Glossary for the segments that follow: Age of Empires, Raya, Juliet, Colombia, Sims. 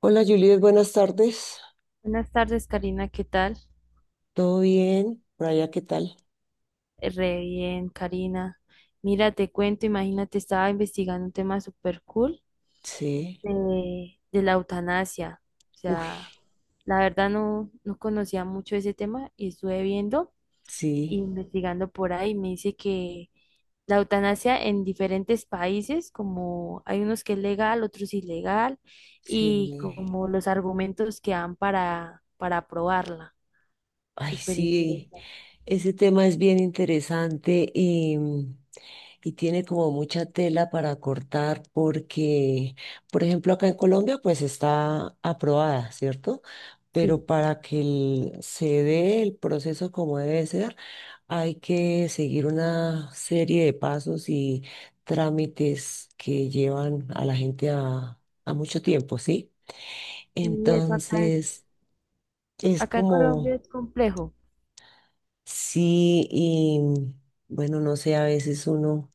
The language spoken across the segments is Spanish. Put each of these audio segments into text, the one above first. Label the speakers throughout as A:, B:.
A: Hola Juliet, buenas tardes.
B: Buenas tardes, Karina, ¿qué tal?
A: ¿Todo bien? Raya, ¿qué tal?
B: Re bien, Karina. Mira, te cuento, imagínate, estaba investigando un tema súper cool
A: Sí.
B: de la eutanasia. O
A: Uy,
B: sea, la verdad no conocía mucho ese tema y estuve viendo e
A: sí,
B: investigando por ahí. Me dice que la eutanasia en diferentes países, como hay unos que es legal, otros ilegal,
A: sí.
B: y
A: me-
B: como los argumentos que dan para aprobarla.
A: Ay,
B: Súper
A: sí.
B: interesante.
A: Ese tema es bien interesante y tiene como mucha tela para cortar porque, por ejemplo, acá en Colombia pues está aprobada, ¿cierto? Pero
B: Sí.
A: para que el- se dé el proceso como debe ser, hay que seguir una serie de pasos y trámites que llevan a la gente a mucho tiempo, ¿sí?
B: Y eso acá
A: Entonces, es
B: Acá en Colombia
A: como,
B: es complejo.
A: sí, y bueno, no sé, a veces uno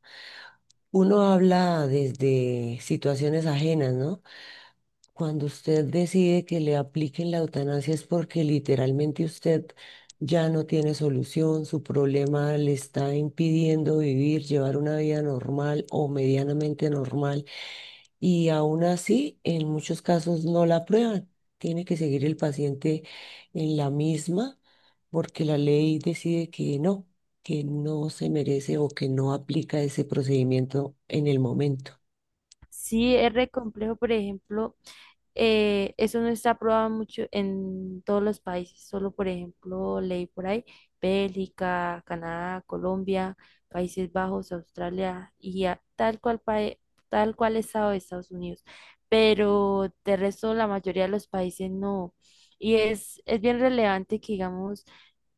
A: uno habla desde situaciones ajenas, ¿no? Cuando usted decide que le apliquen la eutanasia es porque literalmente usted ya no tiene solución, su problema le está impidiendo vivir, llevar una vida normal o medianamente normal, y aún así en muchos casos no la aprueban. Tiene que seguir el paciente en la misma porque la ley decide que no se merece o que no aplica ese procedimiento en el momento.
B: Sí, es re complejo, por ejemplo, eso no está aprobado mucho en todos los países, solo por ejemplo, leí por ahí, Bélgica, Canadá, Colombia, Países Bajos, Australia y tal cual estado de Estados Unidos. Pero de resto la mayoría de los países no. Y es bien relevante que digamos,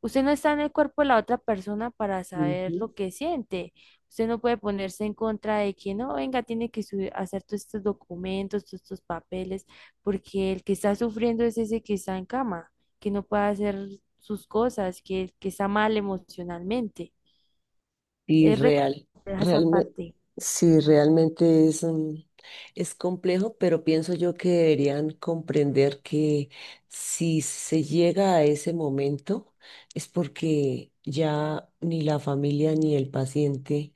B: usted no está en el cuerpo de la otra persona para saber
A: Ujú.
B: lo que siente. Usted no puede ponerse en contra de que no, venga, tiene que subir, hacer todos estos documentos, todos estos papeles porque el que está sufriendo es ese que está en cama, que no puede hacer sus cosas, que está mal emocionalmente.
A: Y
B: Es re
A: real,
B: compleja esa
A: realmente,
B: parte.
A: sí, realmente es, es complejo, pero pienso yo que deberían comprender que si se llega a ese momento es porque ya ni la familia ni el paciente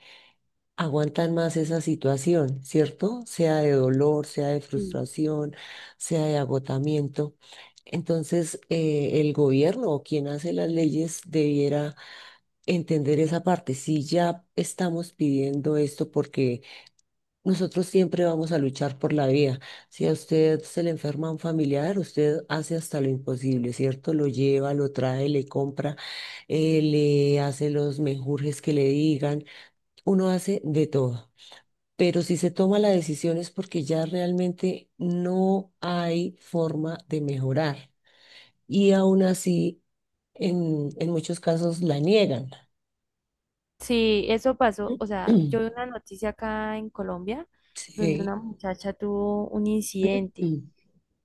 A: aguantan más esa situación, ¿cierto? Sea de dolor, sea de
B: Sí.
A: frustración, sea de agotamiento. Entonces, el gobierno o quien hace las leyes debiera entender esa parte. Si ya estamos pidiendo esto, porque nosotros siempre vamos a luchar por la vida. Si a usted se le enferma un familiar, usted hace hasta lo imposible, ¿cierto? Lo lleva, lo trae, le compra, le hace los menjurjes que le digan. Uno hace de todo. Pero si se toma la decisión es porque ya realmente no hay forma de mejorar. Y aún así, en muchos casos la niegan.
B: Sí, eso pasó. O sea, yo vi una noticia acá en Colombia donde una
A: Sí.
B: muchacha tuvo un incidente
A: Mm,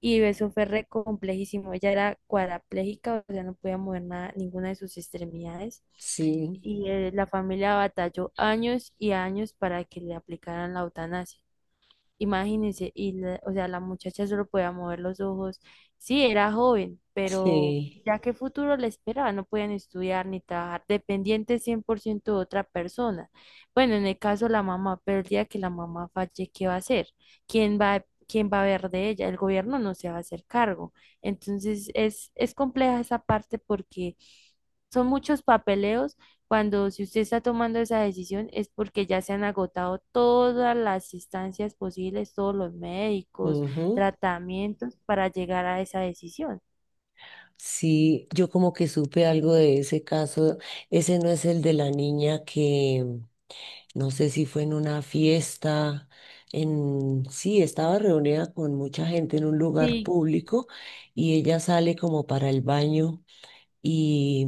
B: y eso fue re complejísimo. Ella era cuadraplégica, o sea, no podía mover nada, ninguna de sus extremidades.
A: sí,
B: Y la familia batalló años y años para que le aplicaran la eutanasia. Imagínense, y o sea, la muchacha solo podía mover los ojos. Sí, era joven, pero
A: sí.
B: ya qué futuro le esperaba, no podían estudiar ni trabajar, dependientes 100% de otra persona. Bueno, en el caso de la mamá, pero el día que la mamá falle, ¿qué va a hacer? ¿Quién va quién va a ver de ella? El gobierno no se va a hacer cargo. Entonces, es compleja esa parte porque son muchos papeleos cuando si usted está tomando esa decisión es porque ya se han agotado todas las instancias posibles, todos los médicos,
A: Ujú.
B: tratamientos para llegar a esa decisión.
A: Sí, yo como que supe algo de ese caso. Ese no es el de la niña que no sé si fue en una fiesta, en sí, estaba reunida con mucha gente en un lugar
B: Sí,
A: público y ella sale como para el baño y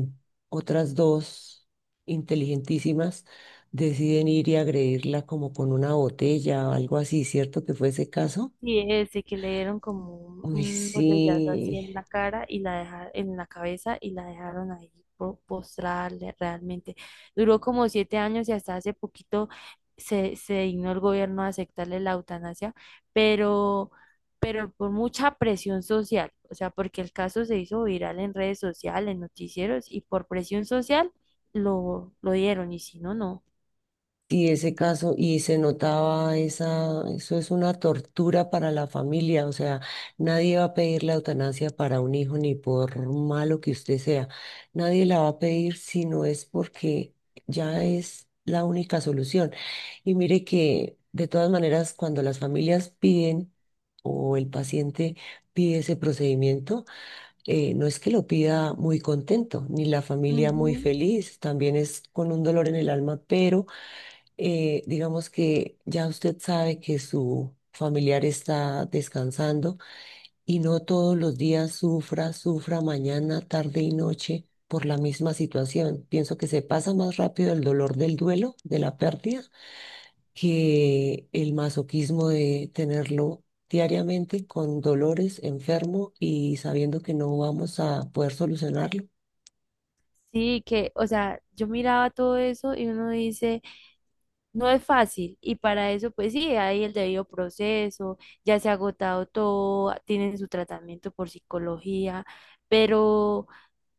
A: otras dos inteligentísimas deciden ir y agredirla como con una botella o algo así, ¿cierto que fue ese caso?
B: sí, ese que le dieron como un,
A: Uy,
B: un botellazo así
A: sí.
B: en la cara y la dejaron en la cabeza y la dejaron ahí postrada realmente. Duró como 7 años y hasta hace poquito se dignó el gobierno a aceptarle la eutanasia, pero, pero por mucha presión social, o sea, porque el caso se hizo viral en redes sociales, en noticieros y por presión social lo dieron y si no, no.
A: Y ese caso, y se notaba esa, eso es una tortura para la familia, o sea, nadie va a pedir la eutanasia para un hijo, ni por malo que usted sea, nadie la va a pedir si no es porque ya es la única solución. Y mire que de todas maneras, cuando las familias piden o el paciente pide ese procedimiento, no es que lo pida muy contento, ni la familia muy
B: Ujú.
A: feliz, también es con un dolor en el alma, pero digamos que ya usted sabe que su familiar está descansando y no todos los días sufra, sufra mañana, tarde y noche por la misma situación. Pienso que se pasa más rápido el dolor del duelo, de la pérdida, que el masoquismo de tenerlo diariamente con dolores, enfermo y sabiendo que no vamos a poder solucionarlo.
B: Sí, que, o sea, yo miraba todo eso y uno dice, no es fácil y para eso pues sí, hay el debido proceso, ya se ha agotado todo, tienen su tratamiento por psicología, pero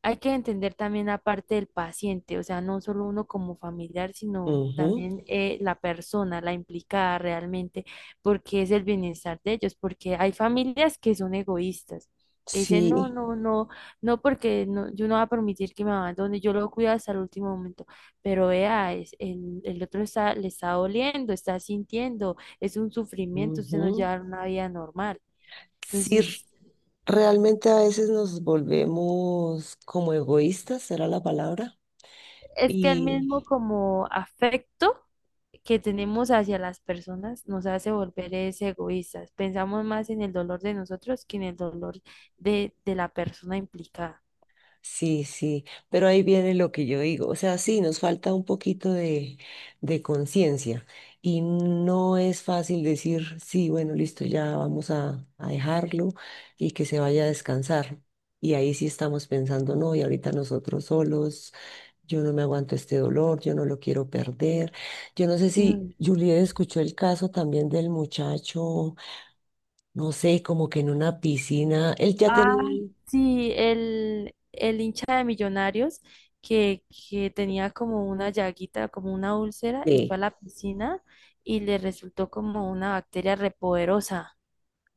B: hay que entender también la parte del paciente, o sea, no solo uno como familiar, sino
A: Ujú,
B: también la persona, la implicada realmente, porque es el bienestar de ellos, porque hay familias que son egoístas, que dicen, no,
A: sí.
B: no, no, no, porque no, yo no voy a permitir que me abandone, yo lo cuido hasta el último momento, pero vea, el otro está, le está doliendo, está sintiendo, es un sufrimiento, usted no
A: Ujú.
B: lleva una vida normal.
A: Sí,
B: Entonces,
A: realmente a veces nos volvemos como egoístas, será la palabra,
B: es que el mismo
A: y,
B: como afecto que tenemos hacia las personas nos hace volver es egoístas. Pensamos más en el dolor de nosotros que en el dolor de la persona implicada.
A: sí, sí, pero ahí viene lo que yo digo. O sea, sí, nos falta un poquito de conciencia y no es fácil decir, sí, bueno, listo, ya vamos a dejarlo y que se vaya a descansar. Y ahí sí estamos pensando, no, y ahorita nosotros solos, yo no me aguanto este dolor, yo no lo quiero perder. Yo no sé si
B: Mm.
A: Juliet escuchó el caso también del muchacho, no sé, como que en una piscina, él ya
B: Ah,
A: tenía...
B: sí, el hincha de Millonarios que, que tenía como una llaguita, como una úlcera, y fue a
A: sí.
B: la piscina y le resultó como una bacteria repoderosa.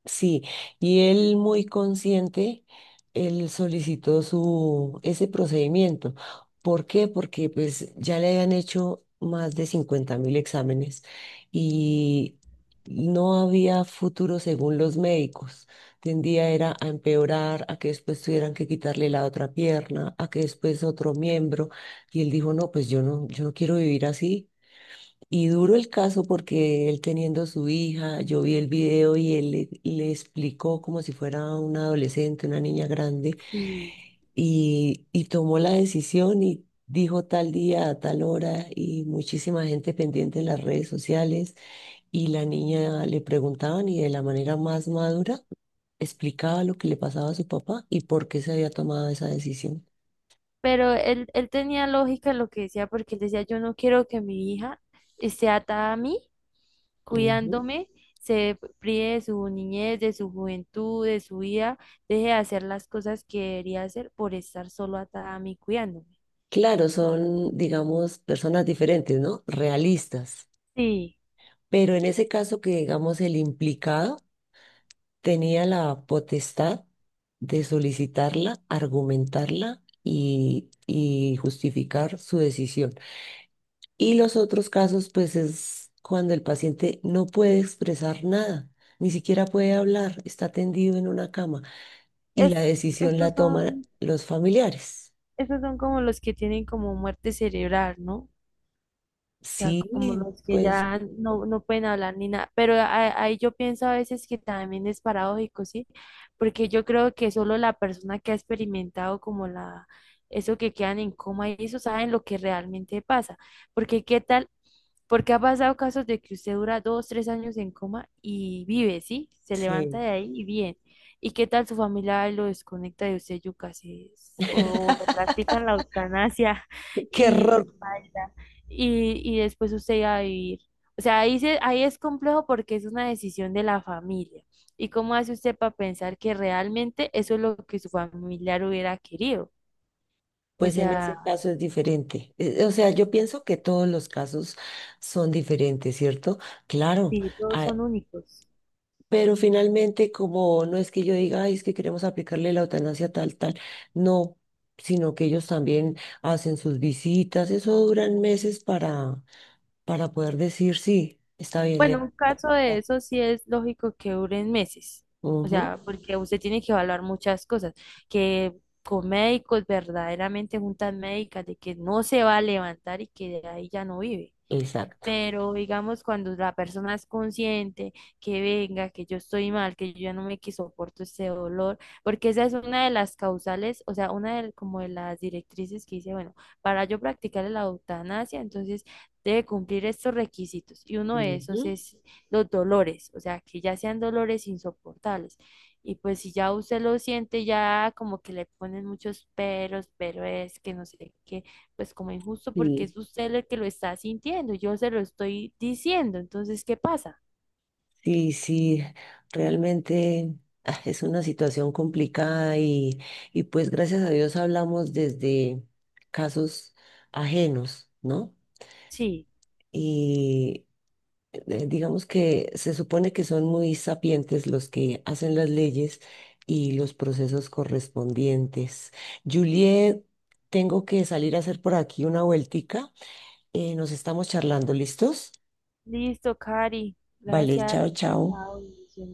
A: Sí, y él muy consciente, él solicitó su, ese procedimiento. ¿Por qué? Porque pues ya le habían hecho más de 50,000 exámenes y no había futuro según los médicos. Tendía era a empeorar, a que después tuvieran que quitarle la otra pierna, a que después otro miembro. Y él dijo, no, pues yo no, yo no quiero vivir así. Y duro el caso porque él teniendo su hija, yo vi el video y él le, le explicó como si fuera una adolescente, una niña grande,
B: Sí.
A: y tomó la decisión y dijo tal día, a tal hora, y muchísima gente pendiente en las redes sociales, y la niña le preguntaban y de la manera más madura explicaba lo que le pasaba a su papá y por qué se había tomado esa decisión.
B: Pero él tenía lógica en lo que decía, porque él decía, yo no quiero que mi hija esté atada a mí
A: Ujú.
B: cuidándome, se prive de su niñez, de su juventud, de su vida, deje de hacer las cosas que debería hacer por estar solo atada a mí cuidándome.
A: Claro, son, digamos, personas diferentes, ¿no? Realistas.
B: Sí,
A: Pero en ese caso que, digamos, el implicado tenía la potestad de solicitarla, argumentarla y justificar su decisión. Y los otros casos, pues, es cuando el paciente no puede expresar nada, ni siquiera puede hablar, está tendido en una cama y la
B: es,
A: decisión
B: estos
A: la toman
B: son,
A: los familiares.
B: estos son como los que tienen como muerte cerebral, ¿no? O sea, como
A: Sí,
B: los que
A: pues,
B: ya no pueden hablar ni nada. Pero ahí yo pienso a veces que también es paradójico, ¿sí? Porque yo creo que solo la persona que ha experimentado como la, eso que quedan en coma y eso saben lo que realmente pasa. Porque qué tal porque ha pasado casos de que usted dura 2, 3 años en coma y vive, ¿sí? Se levanta
A: sí.
B: de ahí y bien. ¿Y qué tal su familia lo desconecta de usted, yuca? O le practican la eutanasia
A: Qué
B: y
A: error.
B: paila. Y después usted va a vivir. O sea, ahí es complejo porque es una decisión de la familia. ¿Y cómo hace usted para pensar que realmente eso es lo que su familiar hubiera querido? O
A: Pues en ese
B: sea,
A: caso es diferente. O sea, yo pienso que todos los casos son diferentes, ¿cierto? Claro,
B: sí, todos
A: ah,
B: son únicos.
A: pero finalmente como no es que yo diga, ay, es que queremos aplicarle la eutanasia tal, tal, no, sino que ellos también hacen sus visitas, eso duran meses para poder decir, sí, está bien, le
B: Bueno,
A: voy
B: un
A: a
B: caso de
A: aplicar".
B: eso sí es lógico que duren meses, o
A: Ujú,
B: sea, porque usted tiene que evaluar muchas cosas, que con médicos verdaderamente juntas médicas, de que no se va a levantar y que de ahí ya no vive.
A: exacto.
B: Pero digamos, cuando la persona es consciente que venga, que yo estoy mal, que yo ya no me que soporto ese dolor, porque esa es una de las causales, o sea, una de, como de las directrices que dice, bueno, para yo practicar la eutanasia, entonces debe cumplir estos requisitos. Y uno de
A: Ujú,
B: esos es los dolores, o sea, que ya sean dolores insoportables. Y pues si ya usted lo siente, ya como que le ponen muchos peros, pero es que no sé qué pues como injusto porque
A: sí.
B: es usted el que lo está sintiendo, yo se lo estoy diciendo, entonces, ¿qué pasa?
A: Sí, sí, realmente ah, es una situación complicada y pues gracias a Dios hablamos desde casos ajenos, ¿no?
B: Sí,
A: Y digamos que se supone que son muy sapientes los que hacen las leyes y los procesos correspondientes. Juliet, tengo que salir a hacer por aquí una vueltica. Nos estamos charlando, ¿listos?
B: listo, Cari,
A: Vale,
B: gracias.
A: chao, chao.
B: Chao, bendiciones.